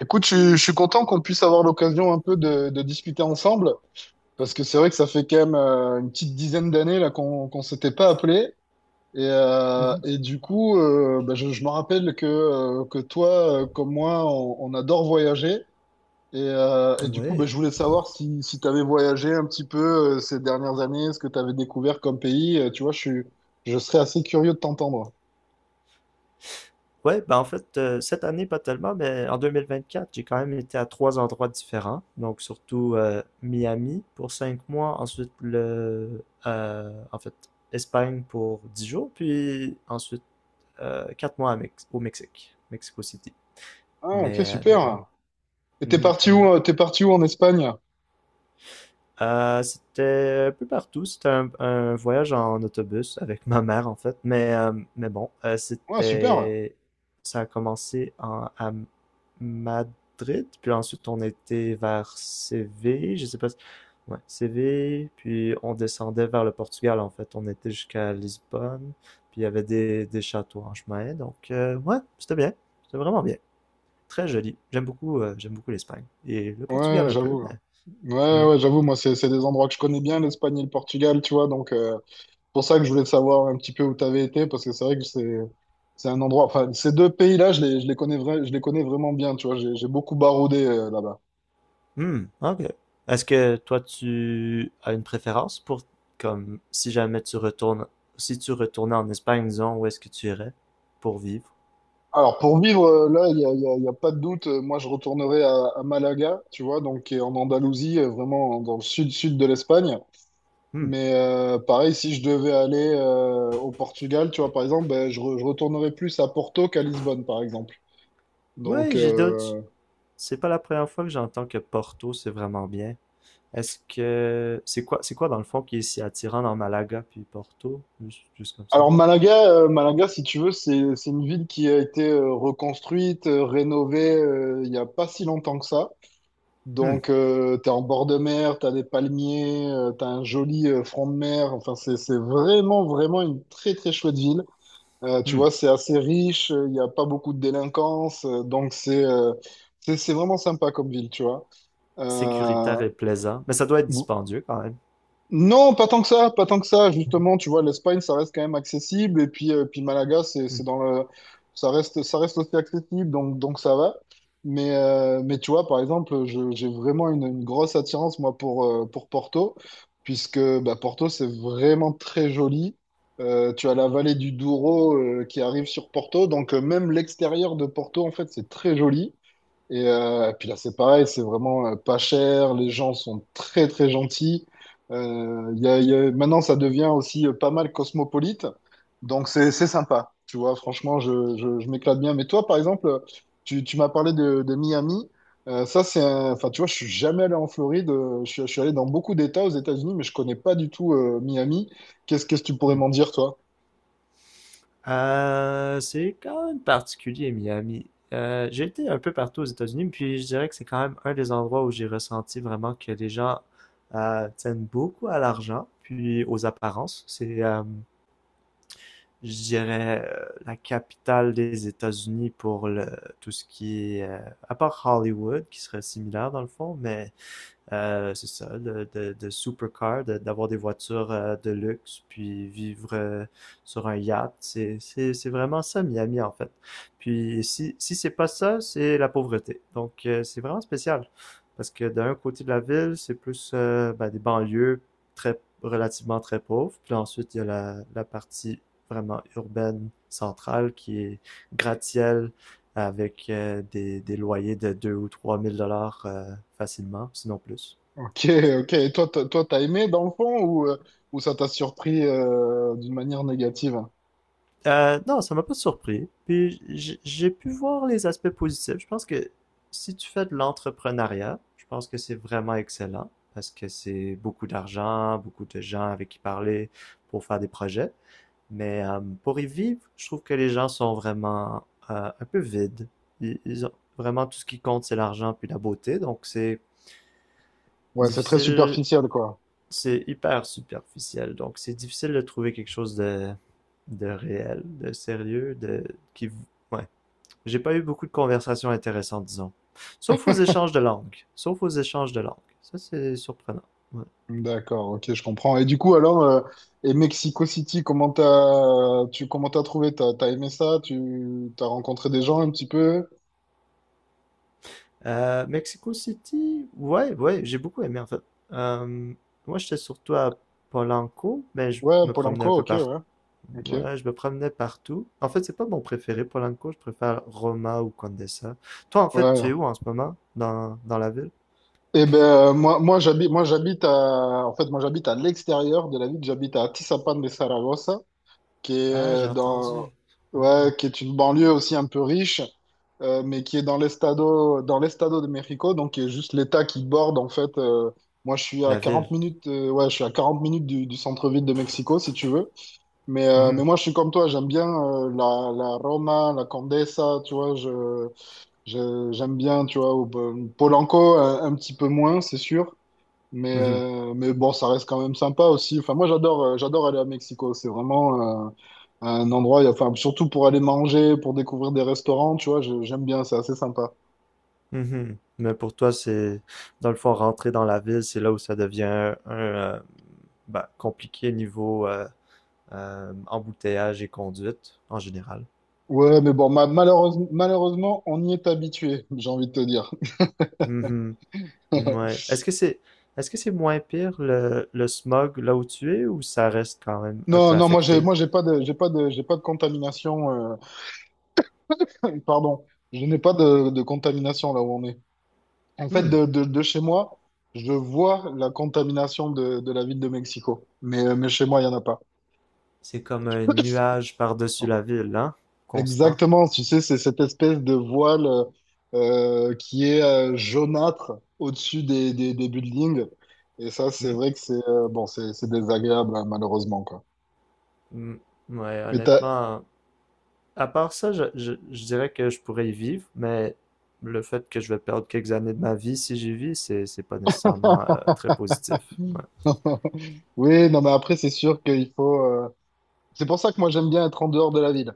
Écoute, je suis content qu'on puisse avoir l'occasion un peu de discuter ensemble, parce que c'est vrai que ça fait quand même une petite dizaine d'années là qu'on s'était pas appelé. Mhm. Et du coup, bah, je me rappelle que toi, comme moi, on adore voyager. Et du coup, bah, Ouais. je voulais savoir si tu avais voyagé un petit peu ces dernières années, ce que tu avais découvert comme pays. Tu vois, je serais assez curieux de t'entendre. Ouais, ben en fait, cette année, pas tellement, mais en 2024 j'ai quand même été à trois endroits différents. Donc, surtout Miami pour 5 mois, ensuite en fait, Espagne pour 10 jours, puis ensuite 4 mois à au Mexique, Mexico City. Ah, ok, Mais bon. super. Et t'es Mhm, parti où? mhm. T'es parti où en Espagne? C'était un peu partout. C'était un voyage en autobus avec ma mère, en fait. Mais bon, euh, Ouais, super. c'était... Ça a commencé à Madrid, puis ensuite on était vers Séville, je sais pas si. Ouais, Séville, puis on descendait vers le Portugal, en fait. On était jusqu'à Lisbonne, puis il y avait des châteaux en chemin. Donc, ouais, c'était bien. C'était vraiment bien. Très joli. J'aime beaucoup l'Espagne. Et le Portugal Ouais, un peuj'avoue. Ouais, ouais, mais ouais, j'avoue, moi, c'est des endroits que je connais bien, l'Espagne et le Portugal, tu vois. Donc, c'est pour ça que je voulais savoir un petit peu où tu avais été, parce que c'est vrai que c'est un endroit. Enfin, ces deux pays-là, je les connais je les connais vraiment bien, tu vois. J'ai beaucoup baroudé là-bas. Hmm, ok. Est-ce que toi tu as une préférence pour comme si jamais tu retournes si tu retournais en Espagne, disons, où est-ce que tu irais pour vivre? Alors, pour vivre là, il y a pas de doute. Moi, je retournerai à Malaga, tu vois, donc qui est en Andalousie, vraiment dans le sud-sud de l'Espagne. Hmm. Mais pareil, si je devais aller au Portugal, tu vois, par exemple, ben, je retournerais plus à Porto qu'à Lisbonne, par exemple. Ouais, Donc, j'ai d'autres. C'est pas la première fois que j'entends que Porto, c'est vraiment bien. Est-ce que c'est quoi dans le fond qui est si attirant dans Malaga puis Porto? Juste comme ça. alors Malaga, Malaga, si tu veux, c'est une ville qui a été reconstruite, rénovée il n'y a pas si longtemps que ça. Hmm, Donc t'es en bord de mer, t'as des palmiers, t'as un joli front de mer. Enfin c'est vraiment vraiment une très très chouette ville. Tu hmm. vois, c'est assez riche, il n'y a pas beaucoup de délinquance, c'est vraiment sympa comme ville, tu vois. Sécuritaire Euh, et plaisant, mais ça doit être dispendieux quand même. Non, pas tant que ça, pas tant que ça. Justement, tu vois, l'Espagne, ça reste quand même accessible. Et puis, puis Malaga, c'est Hmm, dans le, ça reste aussi accessible, donc ça va. Mais tu vois, par exemple, j'ai vraiment une grosse attirance, moi, pour Porto, puisque bah, Porto, c'est vraiment très joli. Tu as la vallée du Douro, qui arrive sur Porto, donc même l'extérieur de Porto, en fait, c'est très joli. Et puis là, c'est pareil, c'est vraiment pas cher, les gens sont très très gentils. Maintenant, ça devient aussi pas mal cosmopolite, donc c'est sympa. Tu vois, franchement, je m'éclate bien. Mais toi, par exemple, tu m'as parlé de Miami. Ça, c'est un... Enfin, tu vois, je suis jamais allé en Floride. Je suis allé dans beaucoup d'États aux États-Unis, mais je connais pas du tout Miami. Qu'est-ce que tu pourrais hmm. m'en dire, toi? C'est quand même particulier, Miami. J'ai été un peu partout aux États-Unis, puis je dirais que c'est quand même un des endroits où j'ai ressenti vraiment que les gens tiennent beaucoup à l'argent, puis aux apparences. Je dirais, la capitale des États-Unis pour tout ce qui est, à part Hollywood, qui serait similaire dans le fond, mais c'est ça, de supercar, d'avoir des voitures de luxe, puis vivre sur un yacht. C'est vraiment ça, Miami, en fait. Puis si c'est pas ça, c'est la pauvreté. Donc, c'est vraiment spécial. Parce que d'un côté de la ville, c'est plus ben, des banlieues relativement très pauvres. Puis ensuite, il y a la partie vraiment urbaine centrale qui est gratte-ciel avec des loyers de 2 000 ou 3 000 dollars facilement, sinon plus. Ok, ok. Et toi, toi, t'as aimé dans le fond ou ça t'a surpris d'une manière négative? Non, ça m'a pas surpris. Puis j'ai pu voir les aspects positifs. Je pense que si tu fais de l'entrepreneuriat, je pense que c'est vraiment excellent parce que c'est beaucoup d'argent, beaucoup de gens avec qui parler pour faire des projets. Mais pour y vivre, je trouve que les gens sont vraiment un peu vides. Ils ont vraiment tout ce qui compte, c'est l'argent puis la beauté. Donc Ouais, c'est très difficile superficiel, quoi. c'est hyper superficiel, donc c'est difficile de trouver quelque chose de réel, de sérieux, de qui ouais. J'ai pas eu beaucoup de conversations intéressantes, disons. Sauf aux échanges de langues. Sauf aux échanges de langues. Ça, c'est surprenant. Ouais. D'accord, ok, je comprends. Et du coup, alors, et Mexico City, comment t'as trouvé? T'as aimé ça? T'as rencontré des gens un petit peu? Mexico City, ouais, ouais, j'ai beaucoup aimé en fait. Euh, moi, j'étais surtout à Polanco, mais je Ouais, me promenais un Polanco, peu ok, partout. ouais, ok, Ouais, je me promenais partout. En fait, c'est pas mon préféré, Polanco. Je préfère Roma ou Condessa. Toi, en fait, tu es ouais. où en ce moment? Dans la ville? Eh ben, moi, moi, j'habite à, en fait, moi, j'habite à l'extérieur de la ville. J'habite à Tizapan de Zaragoza, qui est Ah, j'ai entendu. Ouais. ouais, qui est une banlieue aussi un peu riche, mais qui est dans l'estado de Mexico, donc qui est juste l'État qui borde en fait. Moi, je suis à La ville. 40 minutes, Ouais, je suis à 40 minutes du centre-ville de Mexico, si tu veux. Mais Mhm, moi, je suis comme toi, j'aime bien la Roma, la Condesa, tu vois, j'aime bien, tu vois, Polanco, un petit peu moins, c'est sûr. Mhm, Mais bon, ça reste quand même sympa aussi. Enfin, moi, j'adore aller à Mexico. C'est vraiment un endroit, enfin, surtout pour aller manger, pour découvrir des restaurants, tu vois, j'aime bien, c'est assez sympa. mhm. Mais pour toi, c'est, dans le fond, rentrer dans la ville, c'est là où ça devient un, euh, bah, compliqué niveau embouteillage et conduite, en général. Ouais, mais bon, malheureusement, on y est habitué, j'ai envie de te dire. Mhm, Ouais. Est-ce que c'est moins pire le smog là où tu es, ou ça reste quand même un Non, peu non, affecté? J'ai pas de contamination. Pardon, je n'ai pas de contamination là où on est. En fait, Hmm. De chez moi, je vois la contamination de la ville de Mexico. Mais chez moi, il y en a pas. C'est comme un nuage par-dessus la ville, hein? Constant. Exactement, tu sais, c'est cette espèce de voile qui est jaunâtre au-dessus des, des buildings. Et ça, c'est Hmm. vrai que c'est bon, c'est désagréable, hein, malheureusement, quoi. Hmm. Ouais, Mais t'as... honnêtement, à part ça, je dirais que je pourrais y vivre, mais le fait que je vais perdre quelques années de ma vie si j'y vis, c'est pas nécessairement très positif. Ouais. Oui, non, mais après, c'est sûr qu'il faut... C'est pour ça que moi, j'aime bien être en dehors de la ville.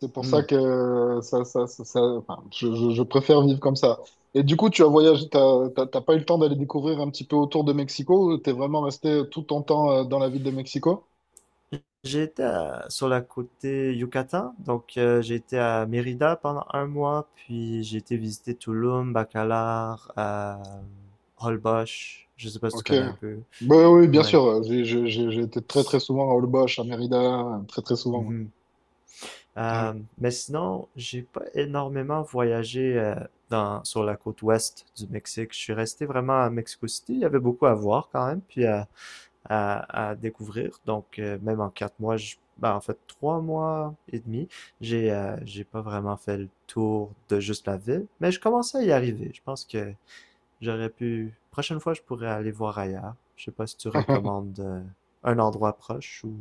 C'est pour Hmm. ça que enfin, je préfère vivre comme ça. Et du coup, tu as voyagé, t'as pas eu le temps d'aller découvrir un petit peu autour de Mexico ou t'es vraiment resté tout ton temps dans la ville de Mexico? J'ai été sur la côte Yucatan, donc j'ai été à Mérida pendant un mois, puis j'ai été visiter Tulum, Bacalar, Holbox, je sais pas si tu Ok. connais un peu. Bah, oui, bien Ouais. sûr. J'ai été très très souvent à Olbosch, à Mérida, très très souvent. Ouais. Mhm. Euh, Hein. mais sinon, j'ai pas énormément voyagé sur la côte ouest du Mexique. Je suis resté vraiment à Mexico City. Il y avait beaucoup à voir quand même, puis à découvrir. Donc, même en 4 mois, ben, en fait, 3 mois et demi, j'ai pas vraiment fait le tour de juste la ville. Mais je commençais à y arriver. Je pense que j'aurais pu. Prochaine fois, je pourrais aller voir ailleurs. Je sais pas si tu recommandes un endroit proche ou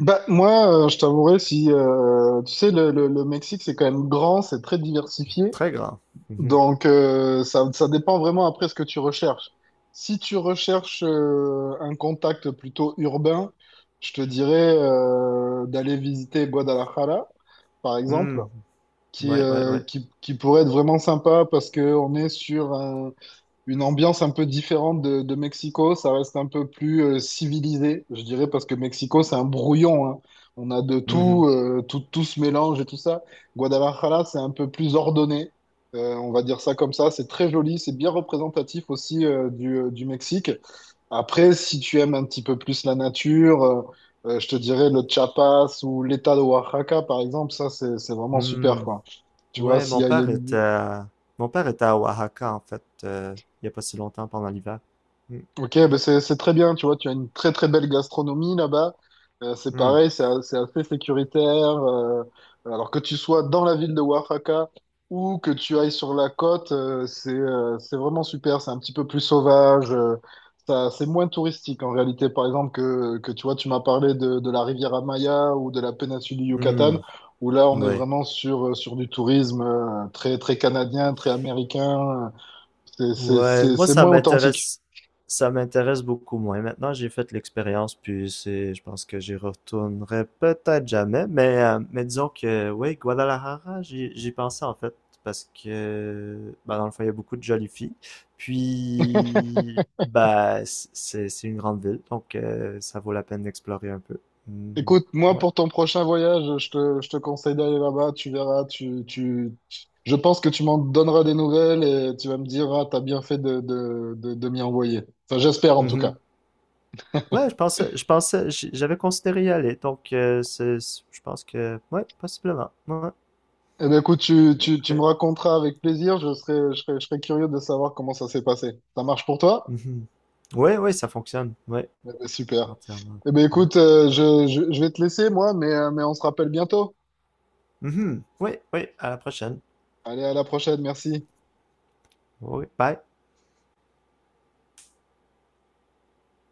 Bah, moi, je t'avouerais, si tu sais, le Mexique, c'est quand même grand, c'est très diversifié. très grand. Mhm. Donc, ça, ça dépend vraiment après ce que tu recherches. Si tu recherches un contact plutôt urbain, je te dirais d'aller visiter Guadalajara, par exemple, Mm. Ouais, ouais, ouais. Qui pourrait être vraiment sympa parce qu'on est sur un, une ambiance un peu différente de Mexico. Ça reste un peu plus civilisé, je dirais, parce que Mexico, c'est un brouillon, hein. On a de Mhm. tout, tout se mélange et tout ça. Guadalajara, c'est un peu plus ordonné. On va dire ça comme ça. C'est très joli, c'est bien représentatif aussi du Mexique. Après, si tu aimes un petit peu plus la nature, je te dirais le Chiapas ou l'État de Oaxaca, par exemple, ça, c'est vraiment super, Hmm. quoi. Tu vois, Ouais, il y a une- mon père était à Oaxaca en fait, il y a pas si longtemps pendant l'hiver. Hmm. Ok, bah c'est très bien, tu vois, tu as une très très belle gastronomie là-bas. C'est Hmm. pareil, c'est assez sécuritaire. euh, alors que tu sois dans la ville de Oaxaca ou que tu ailles sur la côte, c'est vraiment super, c'est un petit peu plus sauvage. Ça, c'est moins touristique en réalité, par exemple, que tu vois, tu m'as parlé de la Riviera Maya ou de la péninsule du Yucatan, Hmm. où là on est Ouais. vraiment sur, sur du tourisme très, très canadien, très américain. Ouais, moi C'est ça moins authentique. m'intéresse ça m'intéresse beaucoup moins. Maintenant, j'ai fait l'expérience puis c'est je pense que j'y retournerai peut-être jamais, mais disons que oui, Guadalajara, j'y pensais en fait parce que bah dans le fond, il y a beaucoup de jolies filles. Puis bah c'est une grande ville, donc ça vaut la peine d'explorer un peu. Mhm. Écoute, moi, Ouais. pour ton prochain voyage, je te conseille d'aller là-bas. Tu verras, je pense que tu m'en donneras des nouvelles et tu vas me dire, ah, t'as bien fait de m'y envoyer. Enfin, j'espère en tout cas. Mhm. Ouais, je pensais, j'avais considéré y aller, donc je pense que, ouais, possiblement. Ouais. Eh ben, écoute, tu me Ok. raconteras avec plaisir. Je serais curieux de savoir comment ça s'est passé. Ça marche pour toi? Mhm. Ouais, ouais, ça fonctionne. Ouais, Eh ben, super. entièrement. Eh ben, Ouais. écoute, je vais te laisser, moi, mais on se rappelle bientôt. Mhm. Ouais, ouais, à la prochaine. Allez, à la prochaine. Merci. Ouais, bye.